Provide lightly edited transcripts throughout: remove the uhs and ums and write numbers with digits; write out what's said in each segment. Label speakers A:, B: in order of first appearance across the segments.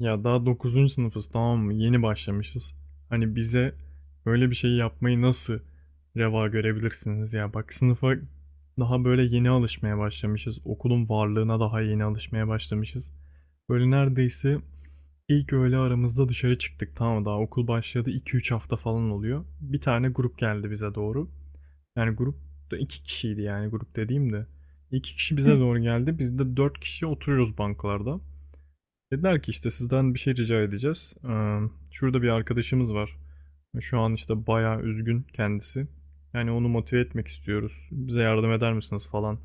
A: Ya daha dokuzuncu sınıfız tamam mı? Yeni başlamışız. Hani bize böyle bir şey yapmayı nasıl reva görebilirsiniz ya? Bak sınıfa daha böyle yeni alışmaya başlamışız. Okulun varlığına daha yeni alışmaya başlamışız. Böyle neredeyse ilk öğle aramızda dışarı çıktık tamam mı? Daha okul başladı 2-3 hafta falan oluyor. Bir tane grup geldi bize doğru. Yani grupta iki kişiydi yani grup dediğim de. İki kişi bize
B: Hı.
A: doğru geldi. Biz de dört kişi oturuyoruz bankalarda. Dediler ki işte sizden bir şey rica edeceğiz. Şurada bir arkadaşımız var. Şu an işte bayağı üzgün kendisi. Yani onu motive etmek istiyoruz. Bize yardım eder misiniz falan.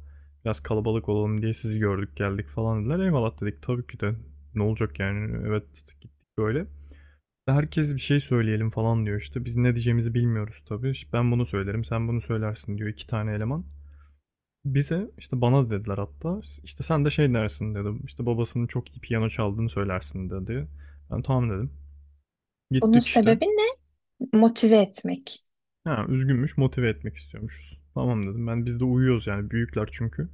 A: Biraz kalabalık olalım diye sizi gördük geldik falan dediler. Eyvallah dedik tabii ki de. Ne olacak yani evet gittik böyle. Herkes bir şey söyleyelim falan diyor işte. Biz ne diyeceğimizi bilmiyoruz tabii. İşte ben bunu söylerim sen bunu söylersin diyor iki tane eleman. Bize, işte bana dediler hatta, işte, "Sen de şey dersin" dedim işte, "Babasının çok iyi piyano çaldığını söylersin" dedi. Ben "Tamam" dedim.
B: Bunun
A: Gittik işte.
B: sebebi ne? Motive etmek.
A: Ha, üzgünmüş, motive etmek istiyormuşuz. "Tamam" dedim. Ben biz de uyuyoruz yani büyükler çünkü.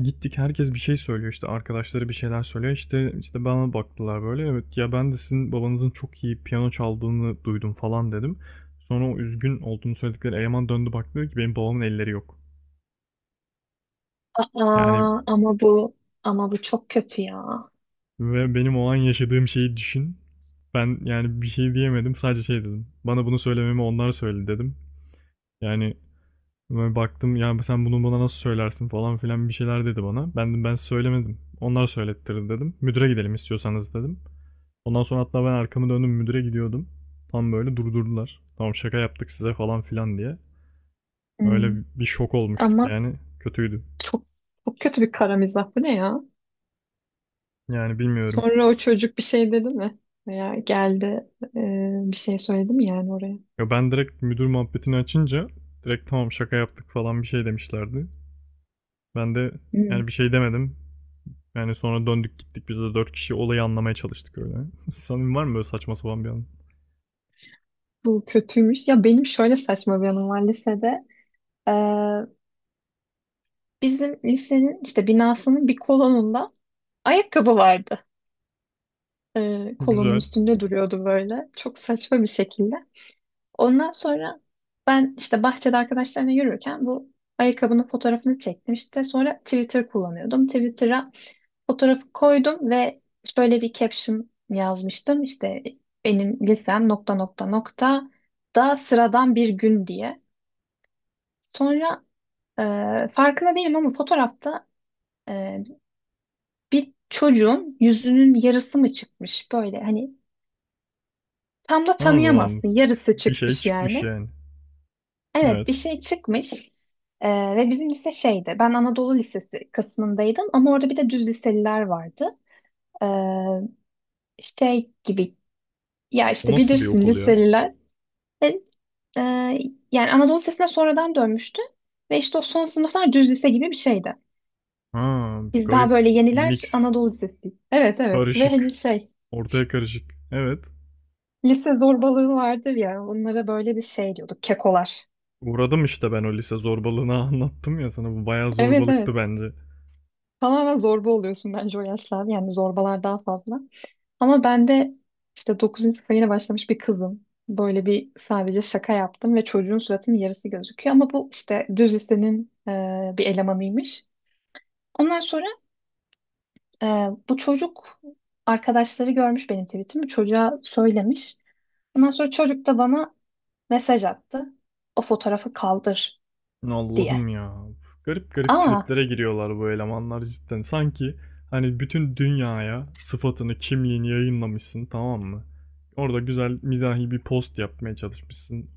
A: Gittik herkes bir şey söylüyor, işte, arkadaşları bir şeyler söylüyor. İşte işte bana baktılar böyle, "Evet, ya ben de sizin babanızın çok iyi piyano çaldığını duydum" falan dedim. Sonra o üzgün olduğunu söyledikleri eleman döndü baktı ki, "Benim babamın elleri yok." Yani
B: Aa, ama bu çok kötü ya.
A: ve benim o an yaşadığım şeyi düşün. Ben yani bir şey diyemedim. Sadece şey dedim. Bana bunu söylememi onlar söyledi dedim. Yani ben baktım ya sen bunu bana nasıl söylersin falan filan bir şeyler dedi bana. Ben de ben söylemedim. Onlar söylettirdi dedim. Müdüre gidelim istiyorsanız dedim. Ondan sonra hatta ben arkamı döndüm müdüre gidiyordum. Tam böyle durdurdular. Tamam şaka yaptık size falan filan diye.
B: Hmm.
A: Öyle bir şok olmuştuk
B: Ama
A: yani. Kötüydü.
B: çok çok kötü bir kara mizah. Bu ne ya?
A: Yani bilmiyorum.
B: Sonra o çocuk bir şey dedi mi? Veya geldi, e, bir şey söyledi mi yani oraya?
A: Ya ben direkt müdür muhabbetini açınca direkt tamam şaka yaptık falan bir şey demişlerdi. Ben de
B: Hmm.
A: yani bir şey demedim. Yani sonra döndük gittik biz de dört kişi olayı anlamaya çalıştık öyle. Sanırım var mı böyle saçma sapan bir an?
B: Bu kötüymüş. Ya benim şöyle saçma bir anım var lisede. E, Bizim lisenin işte binasının bir kolonunda ayakkabı vardı. Kolonun
A: Güzel.
B: üstünde duruyordu böyle. Çok saçma bir şekilde. Ondan sonra ben işte bahçede arkadaşlarla yürürken bu ayakkabının fotoğrafını çektim. İşte sonra Twitter kullanıyordum. Twitter'a fotoğrafı koydum ve şöyle bir caption yazmıştım. İşte benim lisem nokta nokta nokta da sıradan bir gün diye. Sonra e, farkında değilim ama fotoğrafta e, bir çocuğun yüzünün yarısı mı çıkmış böyle, hani tam da
A: Anladım, anladım.
B: tanıyamazsın, yarısı
A: Bir şey
B: çıkmış
A: çıkmış
B: yani.
A: yani.
B: Evet, bir
A: Evet.
B: şey çıkmış. Ve bizim lise şeydi, ben Anadolu Lisesi kısmındaydım ama orada bir de düz liseliler vardı, ee, şey gibi, ya
A: O
B: işte
A: nasıl bir
B: bilirsin
A: okul ya?
B: liseliler. Ve, e, yani Anadolu Lisesi'ne sonradan dönmüştü ve işte o son sınıflar düz lise gibi bir şeydi,
A: Ha,
B: biz daha
A: garip.
B: böyle yeniler
A: Mix.
B: Anadolu Lisesi, evet evet, ve hani
A: Karışık.
B: şey,
A: Ortaya karışık. Evet.
B: lise zorbalığı vardır ya, onlara böyle bir şey diyorduk, kekolar.
A: Uğradım işte ben o lise zorbalığına anlattım ya sana. Bu bayağı
B: Evet evet,
A: zorbalıktı bence.
B: tamamen zorba oluyorsun bence o yaşlarda, yani zorbalar daha fazla. Ama ben de işte dokuzuncu sınıfa yeni başlamış bir kızım. Böyle bir sadece şaka yaptım ve çocuğun suratının yarısı gözüküyor. Ama bu işte düz lisenin bir elemanıymış. Ondan sonra e, bu çocuk, arkadaşları görmüş benim tweetimi. Çocuğa söylemiş. Ondan sonra çocuk da bana mesaj attı. O fotoğrafı kaldır diye.
A: Allah'ım ya. Garip garip
B: Ama
A: triplere giriyorlar bu elemanlar cidden. Sanki hani bütün dünyaya sıfatını, kimliğini yayınlamışsın tamam mı? Orada güzel mizahi bir post yapmaya çalışmışsın.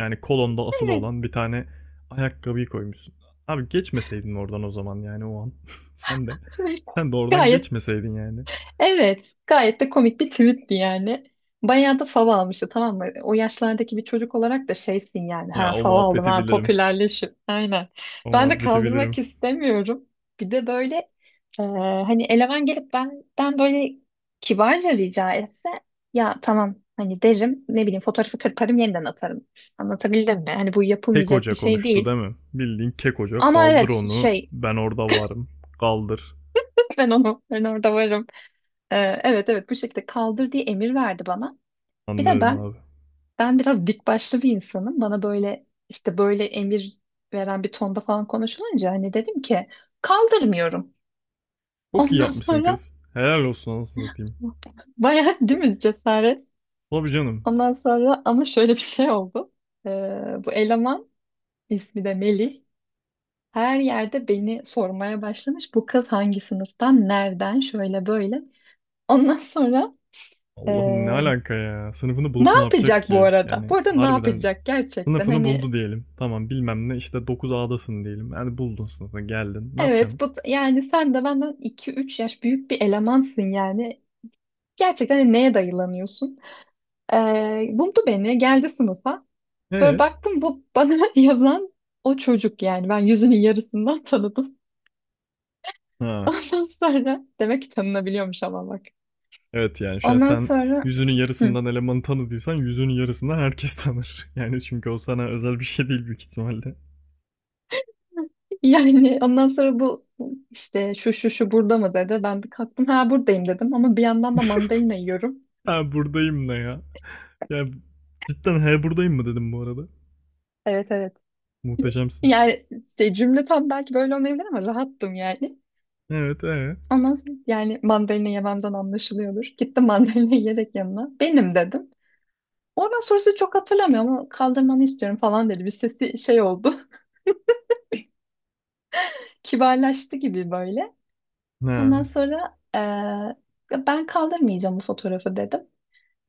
A: Yani kolonda asılı
B: evet,
A: olan bir tane ayakkabıyı koymuşsun. Abi geçmeseydin oradan o zaman yani o an. Sen de. Sen de oradan
B: gayet.
A: geçmeseydin yani.
B: Evet, gayet de komik bir tweetti yani. Bayağı da fav almıştı tamam mı? O yaşlardaki bir çocuk olarak da şeysin yani.
A: Ya
B: Ha
A: o
B: fav aldım,
A: muhabbeti
B: ha
A: bilirim.
B: popülerleşim. Aynen.
A: O
B: Ben de
A: muhabbeti bilirim.
B: kaldırmak istemiyorum. Bir de böyle e, hani eleman gelip benden böyle kibarca rica etse, ya tamam hani derim, ne bileyim, fotoğrafı kırparım yeniden atarım. Anlatabildim mi? Hani bu
A: Kek
B: yapılmayacak bir
A: Hoca
B: şey
A: konuştu
B: değil.
A: değil mi? Bildiğin Kek Hoca
B: Ama
A: kaldır
B: evet
A: onu
B: şey,
A: ben orada varım. Kaldır.
B: ben orada varım. E, evet evet, bu şekilde kaldır diye emir verdi bana. Bir de
A: Anlıyorum
B: ben
A: abi.
B: Ben biraz dik başlı bir insanım. Bana böyle işte böyle emir veren bir tonda falan konuşulunca hani dedim ki kaldırmıyorum.
A: Çok iyi
B: Ondan
A: yapmışsın
B: sonra,
A: kız. Helal olsun anasını satayım.
B: bayağı değil mi cesaret?
A: Tabii canım.
B: Ondan sonra ama şöyle bir şey oldu. Ee, Bu eleman, ismi de Melih. Her yerde beni sormaya başlamış. Bu kız hangi sınıftan, nereden, şöyle böyle. Ondan sonra ee,
A: Allah'ım ne alaka ya. Sınıfını
B: ne
A: bulup ne yapacak
B: yapacak bu
A: ki?
B: arada?
A: Yani
B: Bu arada ne
A: harbiden
B: yapacak gerçekten?
A: sınıfını
B: Hani.
A: buldu diyelim. Tamam bilmem ne işte dokuz adasın diyelim. Yani buldun sınıfını geldin. Ne yapacaksın?
B: Evet, bu yani sen de benden iki üç yaş büyük bir elemansın yani. Gerçekten hani neye dayılanıyorsun? Buldu beni, geldi sınıfa. Sonra
A: Ee?
B: baktım bu bana yazan o çocuk yani. Ben yüzünün yarısından tanıdım.
A: Ha.
B: Ondan sonra demek ki tanınabiliyormuş ama bak.
A: Evet yani şu an
B: Ondan
A: sen
B: sonra.
A: yüzünün
B: Hı.
A: yarısından elemanı tanıdıysan yüzünün yarısından herkes tanır. Yani çünkü o sana özel bir şey değil büyük ihtimalle.
B: Yani ondan sonra bu işte şu şu şu burada mı dedi. Ben bir kalktım, ha buradayım dedim ama bir yandan da mandalina yiyorum.
A: Ha buradayım ne ya? Ya cidden he buradayım mı dedim bu arada.
B: Evet evet.
A: Muhteşemsin.
B: Yani işte cümle tam belki böyle olmayabilir ama rahattım yani.
A: Evet ee?
B: Ama yani mandalina yememden anlaşılıyordur. Gittim mandalina yiyerek yanına. Benim dedim. Oradan sonrası çok hatırlamıyorum ama kaldırmanı istiyorum falan dedi. Bir sesi şey oldu. Kibarlaştı gibi böyle. Ondan
A: Ne?
B: sonra ben kaldırmayacağım bu fotoğrafı dedim.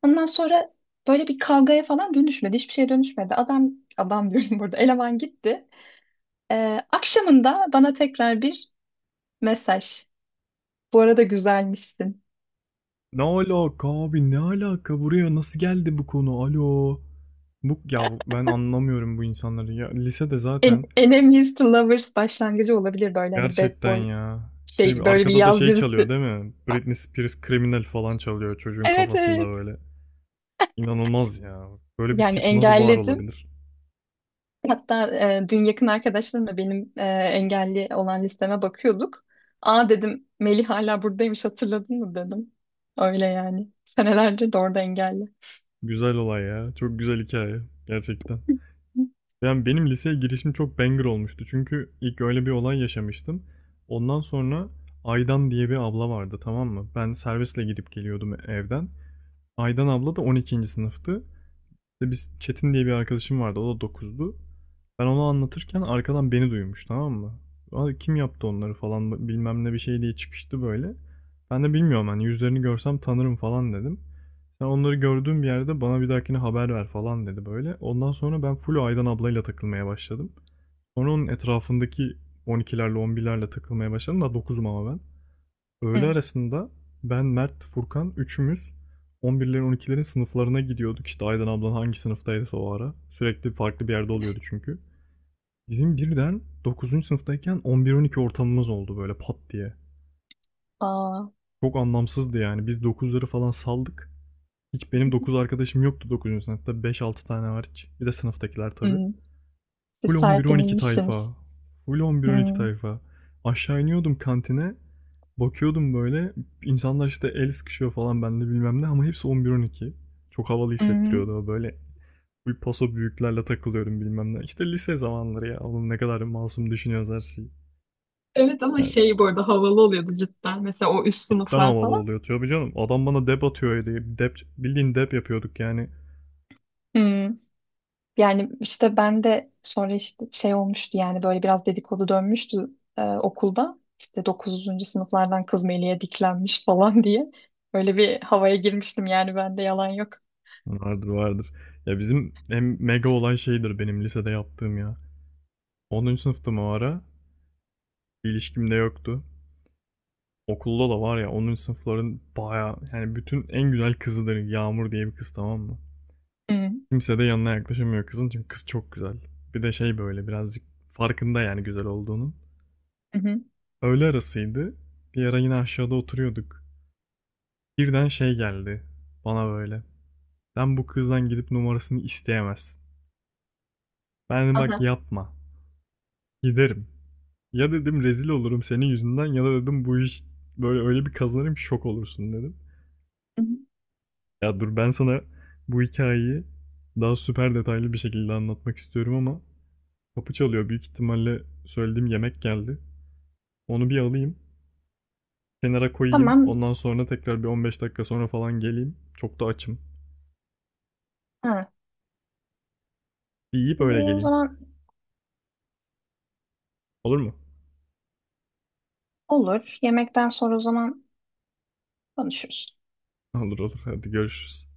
B: Ondan sonra böyle bir kavgaya falan dönüşmedi. Hiçbir şeye dönüşmedi. Adam, adam diyorum burada. Eleman gitti. Akşamında bana tekrar bir mesaj. Bu arada güzelmişsin.
A: Ne alaka abi ne alaka buraya nasıl geldi bu konu alo. Ben anlamıyorum bu insanları ya lisede zaten
B: Enemies to Lovers başlangıcı olabilir, böyle hani bad
A: gerçekten
B: boy
A: ya şey
B: şey, böyle bir
A: arkada da
B: yaz
A: şey çalıyor
B: dizisi.
A: değil mi? Britney Spears Criminal falan çalıyor çocuğun
B: Evet
A: kafasında
B: evet.
A: böyle. İnanılmaz ya. Böyle bir
B: Yani
A: tip nasıl var
B: engelledim.
A: olabilir?
B: Hatta dün yakın arkadaşlarımla benim engelli olan listeme bakıyorduk. Aa dedim, Melih hala buradaymış, hatırladın mı dedim. Öyle yani. Senelerdir de orada engelli.
A: Güzel olay ya. Çok güzel hikaye gerçekten. Yani benim liseye girişim çok banger olmuştu. Çünkü ilk öyle bir olay yaşamıştım. Ondan sonra Aydan diye bir abla vardı tamam mı? Ben servisle gidip geliyordum evden. Aydan abla da 12. sınıftı. İşte biz Çetin diye bir arkadaşım vardı. O da dokuzdu. Ben onu anlatırken arkadan beni duymuş tamam mı? Abi kim yaptı onları falan bilmem ne bir şey diye çıkıştı böyle. Ben de bilmiyorum hani yüzlerini görsem tanırım falan dedim. Sen onları gördüğüm bir yerde bana bir dahakine haber ver falan dedi böyle. Ondan sonra ben full Aydan ablayla takılmaya başladım. Sonra onun etrafındaki 12'lerle 11'lerle takılmaya başladım. Da dokuzum ama ben. Öğle
B: Hı.
A: arasında ben, Mert, Furkan üçümüz 11'lerin 12'lerin sınıflarına gidiyorduk. İşte Aydan ablan hangi sınıftaydı o ara. Sürekli farklı bir yerde oluyordu çünkü. Bizim birden dokuzuncu sınıftayken 11-12 ortamımız oldu böyle pat diye.
B: Aa,
A: Çok anlamsızdı yani. Biz dokuzları falan saldık. Hiç benim 9 arkadaşım yoktu dokuzuncu sınıfta. Beş altı tane hariç. Bir de sınıftakiler tabii.
B: hı. Siz
A: Full 11-12
B: sahiplenilmişsiniz.
A: tayfa. Full
B: Hı.
A: 11-12 tayfa. Aşağı iniyordum kantine. Bakıyordum böyle. İnsanlar işte el sıkışıyor falan bende bilmem ne ama hepsi 11-12. Çok havalı
B: Hı.
A: hissettiriyordu o böyle. Full paso büyüklerle takılıyorum bilmem ne. İşte lise zamanları ya. Oğlum ne kadar masum düşünüyoruz her şeyi.
B: Evet ama
A: Yani
B: şey, bu arada havalı oluyordu cidden. Mesela o üst
A: cidden
B: sınıflar
A: havalı
B: falan.
A: oluyor tabii canım. Adam bana dep atıyor diye. Dep, bildiğin dep yapıyorduk yani.
B: Hı. Yani işte ben de sonra işte şey olmuştu yani, böyle biraz dedikodu dönmüştü okulda. İşte dokuzuncu sınıflardan kız Melih'e diklenmiş falan diye. Öyle bir havaya girmiştim yani, bende yalan yok.
A: Vardır vardır. Ya bizim en mega olan şeydir benim lisede yaptığım ya. 10. sınıftım o ara. Bir ilişkim de yoktu. Okulda da var ya 10. sınıfların baya yani bütün en güzel kızıdır Yağmur diye bir kız tamam mı?
B: Hı hı.
A: Kimse de yanına yaklaşamıyor kızın çünkü kız çok güzel. Bir de şey böyle birazcık farkında yani güzel olduğunun.
B: Hı.
A: Öğle arasıydı. Bir ara yine aşağıda oturuyorduk. Birden şey geldi bana böyle. Sen bu kızdan gidip numarasını isteyemezsin. Ben dedim bak
B: Aha.
A: yapma. Giderim. Ya dedim rezil olurum senin yüzünden ya da dedim bu iş böyle öyle bir kazanırım şok olursun dedim.
B: Hı hı.
A: Ya dur ben sana bu hikayeyi daha süper detaylı bir şekilde anlatmak istiyorum ama kapı çalıyor. Büyük ihtimalle söylediğim yemek geldi. Onu bir alayım, kenara koyayım.
B: Tamam.
A: Ondan sonra tekrar bir 15 dakika sonra falan geleyim. Çok da açım.
B: Ha.
A: Bir yiyip
B: E,
A: öyle
B: O
A: geleyim.
B: zaman
A: Olur mu?
B: olur. Yemekten sonra o zaman konuşuruz.
A: Olur olur. Hadi görüşürüz.